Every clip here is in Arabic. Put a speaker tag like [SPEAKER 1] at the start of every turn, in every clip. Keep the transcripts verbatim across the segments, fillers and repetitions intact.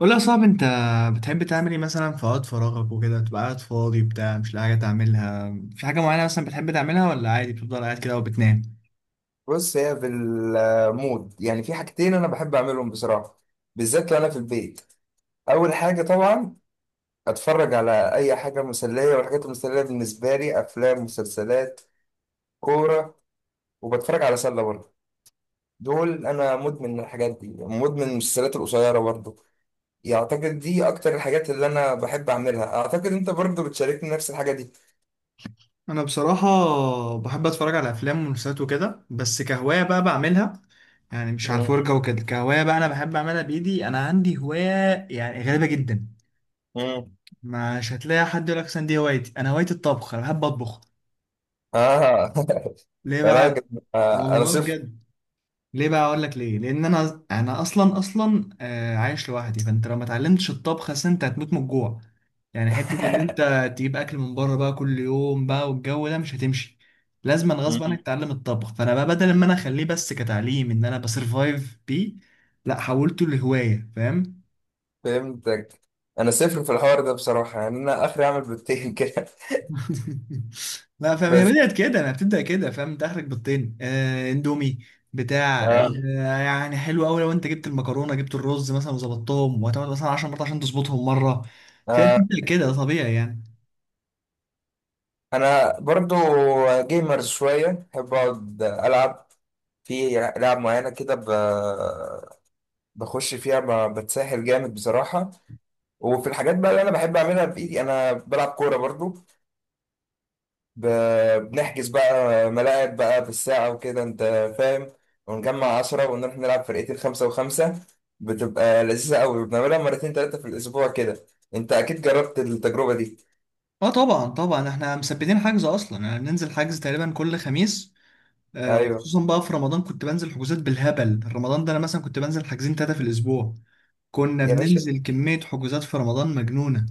[SPEAKER 1] قول لي يا صاحبي، انت بتحب تعمل ايه مثلا في وقت فراغك وكده، تبقى قاعد فاضي بتاع مش لاقي حاجه تعملها؟ في حاجه معينه مثلا بتحب تعملها ولا عادي بتفضل قاعد كده وبتنام؟
[SPEAKER 2] بص، هي في المود، يعني في حاجتين انا بحب اعملهم بصراحه. بالذات لو انا في البيت. اول حاجه طبعا اتفرج على اي حاجه مسليه، والحاجات المسليه بالنسبه لي افلام، مسلسلات، كوره، وبتفرج على سله برضه. دول انا مدمن الحاجات دي، مدمن المسلسلات القصيره برضه. يعتقد دي اكتر الحاجات اللي انا بحب اعملها. اعتقد انت برضه بتشاركني نفس الحاجه دي.
[SPEAKER 1] انا بصراحه بحب اتفرج على افلام ومسلسلات وكده، بس كهوايه بقى بعملها، يعني مش على
[SPEAKER 2] مم.
[SPEAKER 1] الفرجه وكده، كهوايه بقى انا بحب اعملها بايدي. انا عندي هوايه يعني غريبه جدا.
[SPEAKER 2] مم.
[SPEAKER 1] مش هتلاقي حد يقول لك مثلا دي هوايتي، انا هوايتي الطبخ، انا بحب اطبخ.
[SPEAKER 2] اه.
[SPEAKER 1] ليه
[SPEAKER 2] يا راجل.
[SPEAKER 1] بقى؟
[SPEAKER 2] آه، انا
[SPEAKER 1] والله
[SPEAKER 2] صفر.
[SPEAKER 1] بجد. ليه بقى؟ اقول لك ليه، لان انا انا اصلا اصلا آه، عايش لوحدي، فانت لو ما اتعلمتش الطبخ، اصل انت هتموت من الجوع. يعني حته ان انت تجيب اكل من بره بقى كل يوم بقى والجو ده، مش هتمشي. لازما غصب عنك تتعلم الطبخ. فانا بقى بدل ما انا اخليه بس كتعليم ان انا بسرفايف بيه، لا، حولته لهوايه. فاهم؟
[SPEAKER 2] فهمتك. انا صفر في الحوار ده بصراحه، يعني انا اخري اعمل بيضتين كده.
[SPEAKER 1] لا فاهم، هي
[SPEAKER 2] بس.
[SPEAKER 1] بدأت كده، انا بتبدأ كده. فاهم؟ تاخرك بالطين آه اندومي بتاع. آه
[SPEAKER 2] آه.
[SPEAKER 1] يعني حلو قوي لو انت جبت المكرونه جبت الرز مثلا وظبطتهم، وهتقعد مثلا 10 مرات عشان تظبطهم مره. فهي
[SPEAKER 2] آه.
[SPEAKER 1] بتبدأ كده، ده طبيعي يعني.
[SPEAKER 2] انا برضو جيمر شويه. بحب اقعد العب في العاب معينه كده. ب... بخش فيها، ب... بتسهل جامد بصراحه. وفي الحاجات بقى اللي انا بحب اعملها بايدي انا بلعب كوره برضو. ب- بنحجز بقى ملاعب بقى بالساعة وكده. انت فاهم. ونجمع عشرة ونروح نلعب فرقتين، خمسة وخمسة. بتبقى لذيذة قوي، بنعملها مرتين تلاتة في الأسبوع كده. انت أكيد جربت التجربة دي.
[SPEAKER 1] اه طبعا طبعا احنا مثبتين حجز اصلا، يعني بننزل حجز تقريبا كل خميس. آه،
[SPEAKER 2] أيوه.
[SPEAKER 1] وخصوصا بقى في رمضان كنت بنزل حجوزات بالهبل. رمضان ده انا مثلا كنت بنزل حاجزين ثلاثه في الاسبوع. كنا
[SPEAKER 2] يا باشا،
[SPEAKER 1] بننزل كميه حجوزات في رمضان مجنونه.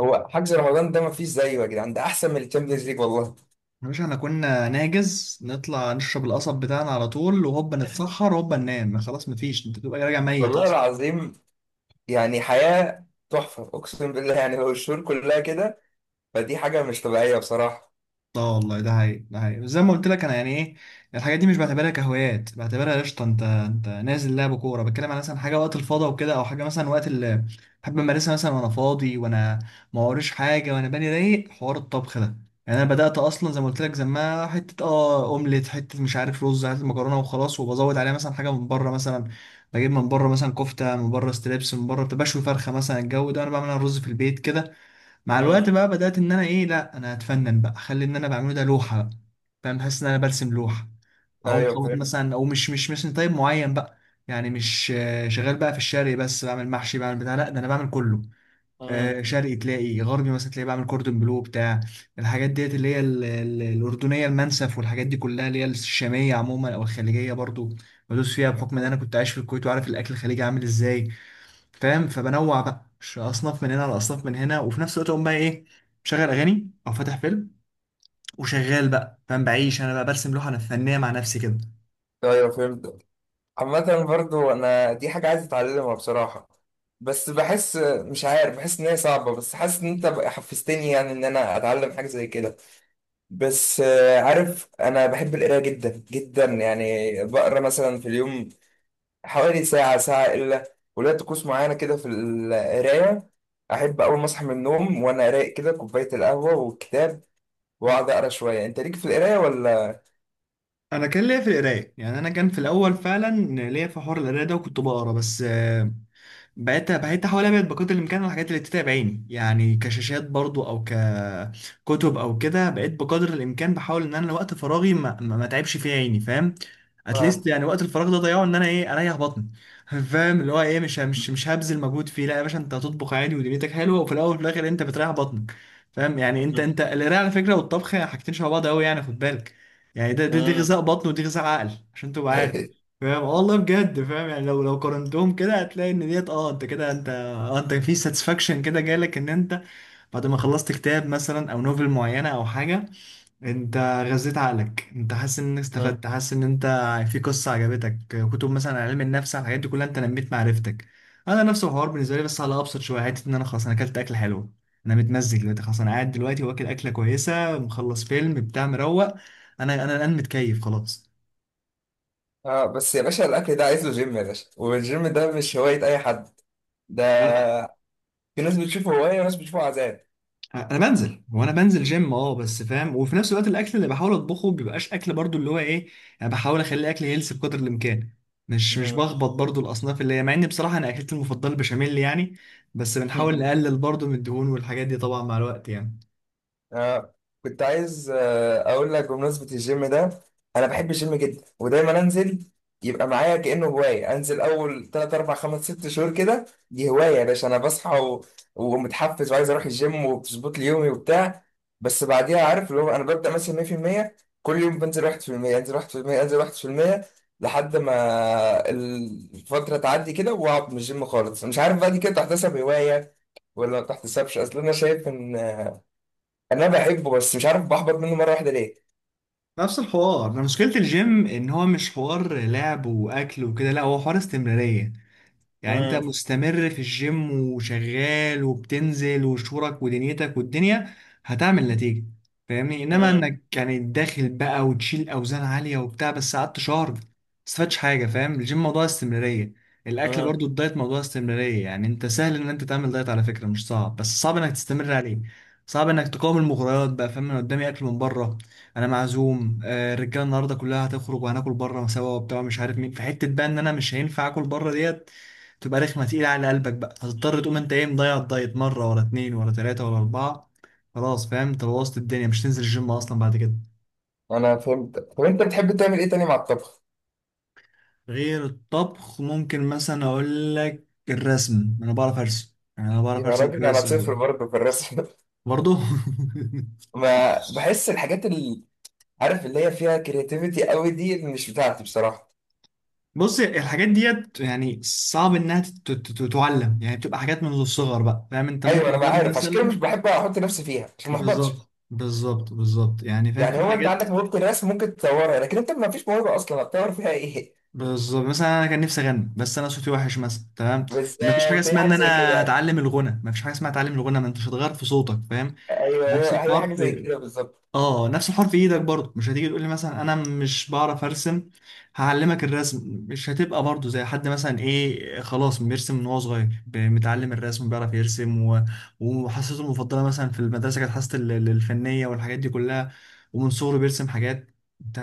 [SPEAKER 2] هو حجز رمضان ده مفيش زيه يا جدعان. ده أحسن من الشامبيونز ليج والله.
[SPEAKER 1] يا باشا، احنا كنا ناجز نطلع نشرب القصب بتاعنا على طول، وهوبا نتسحر، هوبا ننام، خلاص مفيش، انت تبقى راجع ميت.
[SPEAKER 2] والله العظيم، يعني حياة تحفة أقسم بالله. يعني هو الشهور كلها كده، فدي حاجة مش طبيعية بصراحة.
[SPEAKER 1] اه والله، ده هي ده هي زي ما قلت لك، انا يعني ايه، الحاجات دي مش بعتبرها كهوايات، بعتبرها قشطه. انت انت نازل لعب كوره، بتكلم على مثلا حاجه وقت الفاضي وكده، او حاجه مثلا وقت اللي بحب امارسها مثلا، وانا فاضي وانا ما وريش حاجه وانا بالي رايق. حوار الطبخ ده، يعني انا بدات اصلا زي ما قلت لك، زمان حته اه اومليت، حته مش عارف رز، حته مكرونه وخلاص، وبزود عليها مثلا حاجه من بره مثلا. بجيب من بره مثلا كفته من بره، ستريبس من بره، بشوي فرخه مثلا. الجو ده انا بعمل أنا رز في البيت كده. مع
[SPEAKER 2] مم.
[SPEAKER 1] الوقت بقى بدأت إن أنا إيه، لأ أنا هتفنن بقى، أخلي إن أنا بعمله ده لوحة بقى. فاهم؟ حاسس إن أنا برسم لوحة، أو
[SPEAKER 2] أيوه
[SPEAKER 1] مخبط
[SPEAKER 2] فهمت.
[SPEAKER 1] مثلا، أو مش مش مثلا طيب معين بقى. يعني مش آه، شغال بقى في الشرقي بس بعمل محشي بعمل بتاع، لأ ده أنا بعمل كله.
[SPEAKER 2] مم.
[SPEAKER 1] آه، شرقي تلاقي، غربي مثلا تلاقي، بعمل كوردون بلو بتاع، الحاجات ديت اللي هي ال- ال- الأردنية، المنسف، والحاجات دي كلها اللي هي الشامية عموما، أو الخليجية برضو بدوس فيها، بحكم إن
[SPEAKER 2] مم.
[SPEAKER 1] أنا كنت عايش في الكويت وعارف الأكل الخليجي عامل إزاي. فاهم؟ فبنوع بقى، مش اصناف من هنا على اصناف من هنا، وفي نفس الوقت اقوم بقى ايه، مشغل اغاني او فاتح فيلم وشغال بقى. فاهم؟ بعيش انا بقى، برسم لوحه انا فنيه مع نفسي كده.
[SPEAKER 2] أيوه فهمت. عامة برضو أنا دي حاجة عايز أتعلمها بصراحة. بس بحس، مش عارف، بحس إن هي صعبة، بس حاسس إن أنت بقى حفزتني يعني إن أنا أتعلم حاجة زي كده. بس آه، عارف أنا بحب القراية جدا جدا، يعني بقرا مثلا في اليوم حوالي ساعة، ساعة إلا. وليا طقوس معينة كده في القراية. أحب أول ما أصحى من النوم وأنا رايق كده، كوباية القهوة والكتاب، وأقعد أقرا شوية. أنت ليك في القراية ولا؟
[SPEAKER 1] انا كان ليا في القرايه يعني، انا كان في الاول فعلا ليا في حوار القرايه ده وكنت بقرا، بس بقيت بقيت احاول ابعد بقدر الامكان عن الحاجات اللي بتتعب عيني، يعني كشاشات برضو، او ككتب، او كده. بقيت بقدر الامكان بحاول ان انا وقت فراغي ما ما ما تعبش فيه عيني. فاهم؟
[SPEAKER 2] آه.
[SPEAKER 1] اتليست يعني وقت الفراغ ده ضيعه ان انا ايه، اريح بطني. فاهم؟ اللي هو ايه، مش مش مش هبذل مجهود فيه. لا يا باشا، انت هتطبخ عادي ودنيتك حلوه، وفي الاول وفي الاخر انت بتريح بطنك. فاهم؟ يعني انت انت القرايه على فكره والطبخ، حاجتين شبه بعض قوي يعني، خد بالك. يعني ده دي, دي غذاء بطن، ودي غذاء عقل، عشان تبقى عارف. فاهم؟ آه والله بجد. فاهم؟ يعني لو لو قارنتهم كده، هتلاقي ان ديت، اه انت كده، انت آه انت في ساتسفاكشن كده جالك، ان انت بعد ما خلصت كتاب مثلا او نوفل معينه او حاجه، انت غذيت عقلك، انت حاسس ان استفدت، حاسس ان انت في قصه عجبتك، كتب مثلا عن علم النفس، على الحاجات دي كلها انت نميت معرفتك. انا نفس الحوار بالنسبه لي، بس على ابسط شويه، حته ان انا خلاص انا اكلت اكل حلو، انا متمزج دلوقتي خلاص، انا قاعد دلوقتي واكل اكله كويسه، مخلص فيلم بتاع، مروق. انا انا الان متكيف خلاص.
[SPEAKER 2] اه بس يا باشا، الاكل ده عايز له جيم يا باشا. والجيم ده مش هوايه اي حد. ده في ناس بتشوفه هوايه وناس بتشوفه عذاب.
[SPEAKER 1] انا بنزل، هو انا بنزل جيم اه بس. فاهم؟ وفي نفس الوقت الاكل اللي بحاول اطبخه بيبقاش اكل برضو اللي هو ايه، انا بحاول اخلي اكل هيلثي بقدر الامكان. مش مش
[SPEAKER 2] مم.
[SPEAKER 1] بخبط برضو الاصناف اللي هي، مع ان بصراحه انا اكلتي المفضله البشاميل يعني. بس بنحاول نقلل برضو من الدهون والحاجات دي، طبعا مع الوقت يعني.
[SPEAKER 2] آه، كنت عايز آه اقول لك بمناسبه الجيم ده. انا بحب الجيم جدا، ودايما انزل. يبقى معايا كانه هوايه. انزل اول ثلاثة أربعة خمسة ستة شهور كده. دي هوايه يا باشا. انا بصحى و... ومتحفز وعايز اروح الجيم وبظبط لي يومي وبتاع. بس بعديها عارف اللي هو، انا ببدا مثلا مية في المية. كل يوم بنزل واحد في المية، انزل واحد في المية، انزل واحد في المية، لحد ما الفتره تعدي كده واقعد من الجيم خالص. مش عارف بقى، دي كده تحتسب هوايه ولا ما تحتسبش؟ اصل انا شايف ان انا بحبه، بس مش عارف بحبط منه مره واحده ليه.
[SPEAKER 1] نفس الحوار، انا مشكله الجيم ان هو مش حوار لعب واكل وكده، لا، هو حوار استمراريه. يعني انت
[SPEAKER 2] مم.
[SPEAKER 1] مستمر في الجيم وشغال وبتنزل وشورك ودنيتك، والدنيا هتعمل نتيجة. فاهمني؟ انما
[SPEAKER 2] مم.
[SPEAKER 1] انك يعني داخل بقى وتشيل اوزان عالية وبتاع، بس قعدت شهر ما استفادش حاجة. فاهم؟ الجيم موضوع استمرارية. الاكل
[SPEAKER 2] مم.
[SPEAKER 1] برضو، الدايت موضوع استمرارية. يعني انت سهل ان انت تعمل دايت على فكرة، مش صعب، بس صعب انك تستمر عليه. صعب انك تقاوم المغريات بقى. فاهم؟ انا قدامي اكل من بره، انا معزوم، آه، الرجاله النهارده كلها هتخرج وهناكل بره سوا وبتاع، مش عارف مين في حته بقى، ان انا مش هينفع اكل بره ديت. تبقى رخمة تقيلة على قلبك بقى، هتضطر تقوم انت ايه، مضيع الدايت مرة ورا اتنين ورا تلاتة ورا أربعة. خلاص. فاهم؟ انت بوظت الدنيا، مش تنزل الجيم أصلا بعد كده.
[SPEAKER 2] انا فهمت. طب انت بتحب تعمل ايه تاني مع الطبخ؟
[SPEAKER 1] غير الطبخ ممكن مثلا أقول لك الرسم. أنا بعرف أرسم يعني، أنا بعرف
[SPEAKER 2] يا
[SPEAKER 1] أرسم
[SPEAKER 2] راجل انا
[SPEAKER 1] كويس
[SPEAKER 2] صفر
[SPEAKER 1] أوي.
[SPEAKER 2] برضه في الرسم.
[SPEAKER 1] برضه.
[SPEAKER 2] ما بحس الحاجات اللي، عارف، اللي هي فيها كرياتيفيتي قوي دي اللي مش بتاعتي بصراحه.
[SPEAKER 1] بص، الحاجات ديت يعني صعب انها تت- تت- تعلم، يعني بتبقى حاجات منذ الصغر بقى. فاهم؟ انت من
[SPEAKER 2] ايوه، انا ما
[SPEAKER 1] صغير
[SPEAKER 2] عارف عشان كده مش
[SPEAKER 1] مثلا.
[SPEAKER 2] بحب احط نفسي فيها عشان ما احبطش.
[SPEAKER 1] بالظبط، بالظبط، بالظبط يعني. فاهم؟
[SPEAKER 2] يعني
[SPEAKER 1] في
[SPEAKER 2] هو انت
[SPEAKER 1] حاجات.
[SPEAKER 2] عندك موهبه الرسم ممكن تطورها، لكن انت ما فيش موهبه اصلا هتطور فيها ايه؟
[SPEAKER 1] بالظبط مثلا، انا كان نفسي اغني بس انا صوتي وحش مثلا، تمام؟ ما فيش حاجه
[SPEAKER 2] بالظبط، هي
[SPEAKER 1] اسمها ان
[SPEAKER 2] حاجه زي كده
[SPEAKER 1] انا
[SPEAKER 2] يعني.
[SPEAKER 1] هتعلم الغنى، ما فيش حاجه اسمها هتعلم الغنى، ما انتش هتغير في صوتك. فاهم؟
[SPEAKER 2] ايوه
[SPEAKER 1] نفس
[SPEAKER 2] ايوه، هي
[SPEAKER 1] الحوار
[SPEAKER 2] حاجه زي
[SPEAKER 1] في
[SPEAKER 2] كده بالظبط.
[SPEAKER 1] اه نفس حرف ايدك برضه. مش هتيجي تقول لي مثلا انا مش بعرف ارسم، هعلمك الرسم. مش هتبقى برضه زي حد مثلا ايه، خلاص بيرسم من وهو صغير، ب- متعلم الرسم بيعرف يرسم و... وحصته المفضله مثلا في المدرسه كانت حصه ال- ال- الفنيه والحاجات دي كلها، ومن صغره بيرسم حاجات. انت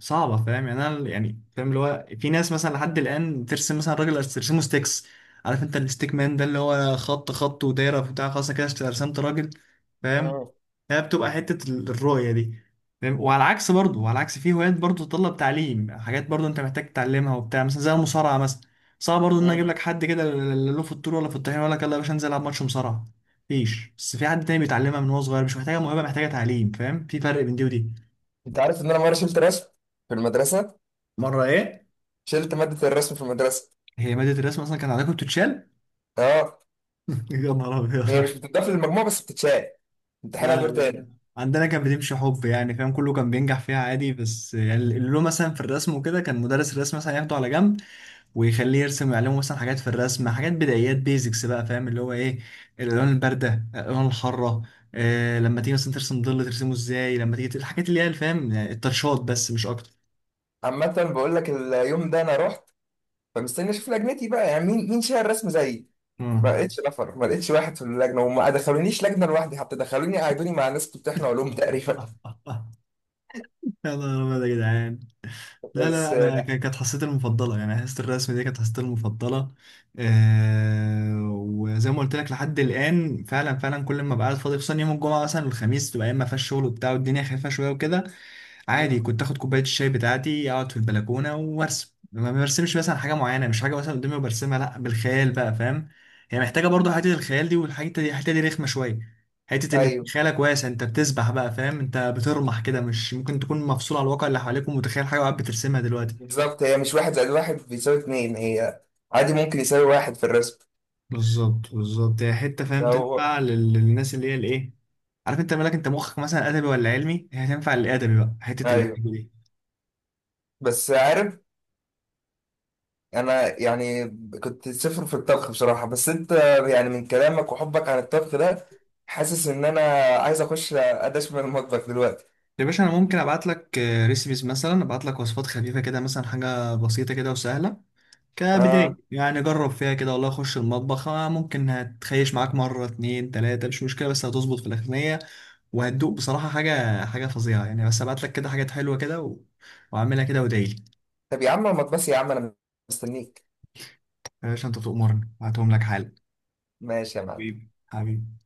[SPEAKER 1] صعبه. فاهم؟ يعني انا يعني فاهم اللي هو، في ناس مثلا لحد الان ترسم مثلا راجل ترسمه ستيكس. عارف انت الستيك مان ده اللي هو خط خط ودايره بتاع، خلاص أنا كده رسمت راجل. فاهم؟
[SPEAKER 2] مم.
[SPEAKER 1] هي بتبقى حتة ال- الرؤية دي. فاهم؟ وعلى العكس برضه وعلى العكس في هوايات برضه تتطلب تعليم، حاجات برضه انت محتاج تتعلمها وبتاع، مثلا زي المصارعة مثلا. صعب برضه ان أنا اجيب
[SPEAKER 2] مم.
[SPEAKER 1] لك حد كده، لا له في الطول ولا في الطحين، ولا يلا يا باشا انزل العب ماتش مصارعة. مفيش. بس في حد تاني بيتعلمها من وهو صغير، مش محتاجة موهبة، محتاجة تعليم. فاهم؟ في فرق بين دي ودي.
[SPEAKER 2] انت عارف ان انا مره شلت رسم في المدرسه؟
[SPEAKER 1] مرة ايه؟
[SPEAKER 2] شلت مادة الرسم في المدرسة.
[SPEAKER 1] هي مادة الرسم اصلا كان عندكم بتتشال؟
[SPEAKER 2] اه.
[SPEAKER 1] يا نهار
[SPEAKER 2] هي
[SPEAKER 1] ابيض.
[SPEAKER 2] مش بتضاف للمجموع بس بتتشال، امتحانها دور
[SPEAKER 1] لا،
[SPEAKER 2] تاني.
[SPEAKER 1] عندنا كانت بتمشي حب يعني، فاهم؟ كله كان بينجح فيها عادي، بس يعني اللي له مثلا في الرسم وكده، كان مدرس الرسم مثلا ياخده على جنب ويخليه يرسم، عليهم مثلا حاجات في الرسم، حاجات بدايات بيزكس بقى. فاهم اللي هو ايه؟ الالوان البارده، الالوان الحاره، آه لما تيجي مثلا ترسم ظل ترسمه ازاي، لما تيجي ت- الحاجات اللي هي الفهم يعني، التاتشات، بس مش اكتر.
[SPEAKER 2] عامة بقول لك، اليوم ده انا رحت فمستني اشوف لجنتي بقى، يعني مين مين شايل الرسم زيي. ما
[SPEAKER 1] مم.
[SPEAKER 2] لقيتش نفر، ما لقيتش واحد في اللجنة، وما دخلونيش لجنة لوحدي حتى، دخلوني قعدوني مع ناس بتمتحن علوم تقريبا
[SPEAKER 1] يا نهار أبيض يا جدعان. لا،
[SPEAKER 2] بس.
[SPEAKER 1] لا، أنا ك-
[SPEAKER 2] آه،
[SPEAKER 1] كانت حصتي المفضلة يعني، حصة الرسم دي كانت حصتي المفضلة. أه، وزي ما قلت لك لحد الآن فعلا فعلا، كل ما بقعد فاضي، خصوصا يوم الجمعة مثلا والخميس، تبقى أيام ما فيهاش شغل وبتاع، والدنيا خفيفة شوية وكده، عادي
[SPEAKER 2] مم.
[SPEAKER 1] كنت اخد كوبايه الشاي بتاعتي، اقعد في البلكونه وارسم. ما برسمش مثلا حاجه معينه، مش حاجه مثلا قدامي وبرسمها، لا، بالخيال بقى. فاهم؟ هي محتاجه برضو حته الخيال دي، والحته دي، الحته دي رخمه شويه. حته ان يكون
[SPEAKER 2] ايوه
[SPEAKER 1] خيالك واسع، انت بتسبح بقى. فاهم؟ انت بترمح كده، مش ممكن تكون مفصول على الواقع اللي حواليك، ومتخيل حاجه وقاعد بترسمها دلوقتي.
[SPEAKER 2] بالظبط. هي مش واحد زائد واحد بيساوي اتنين. هي عادي ممكن يساوي واحد في الرسم.
[SPEAKER 1] بالظبط، بالظبط، هي حته، فاهم؟
[SPEAKER 2] فهو
[SPEAKER 1] تنفع لل- للناس اللي هي الايه، عارف انت مالك، انت مخك مثلا ادبي ولا علمي، هي تنفع للادبي بقى، حته
[SPEAKER 2] ايوه،
[SPEAKER 1] الادبي.
[SPEAKER 2] بس عارف انا يعني، كنت صفر في الطبخ بصراحه، بس انت يعني من كلامك وحبك عن الطبخ ده حاسس ان انا عايز اخش ادش من المطبخ دلوقتي.
[SPEAKER 1] يا باشا، انا ممكن ابعت لك ريسيبيز مثلا، ابعت لك وصفات خفيفه كده، مثلا حاجه بسيطه كده وسهله
[SPEAKER 2] اه،
[SPEAKER 1] كبدايه يعني. جرب فيها كده والله، خش المطبخ. آه، ممكن هتخيش معاك مره اتنين تلاته، مش مشكله، بس هتظبط في الاغنيه، وهتدوق بصراحه حاجه حاجه فظيعه يعني. بس ابعت لك كده حاجات حلوه كده و... واعملها كده وادعيلي.
[SPEAKER 2] طب يا عم المطبخ يا عم، انا مستنيك.
[SPEAKER 1] يا باشا، انت تؤمرني هبعتهم لك حالا.
[SPEAKER 2] ماشي يا معلم.
[SPEAKER 1] حبيبي حبيبي.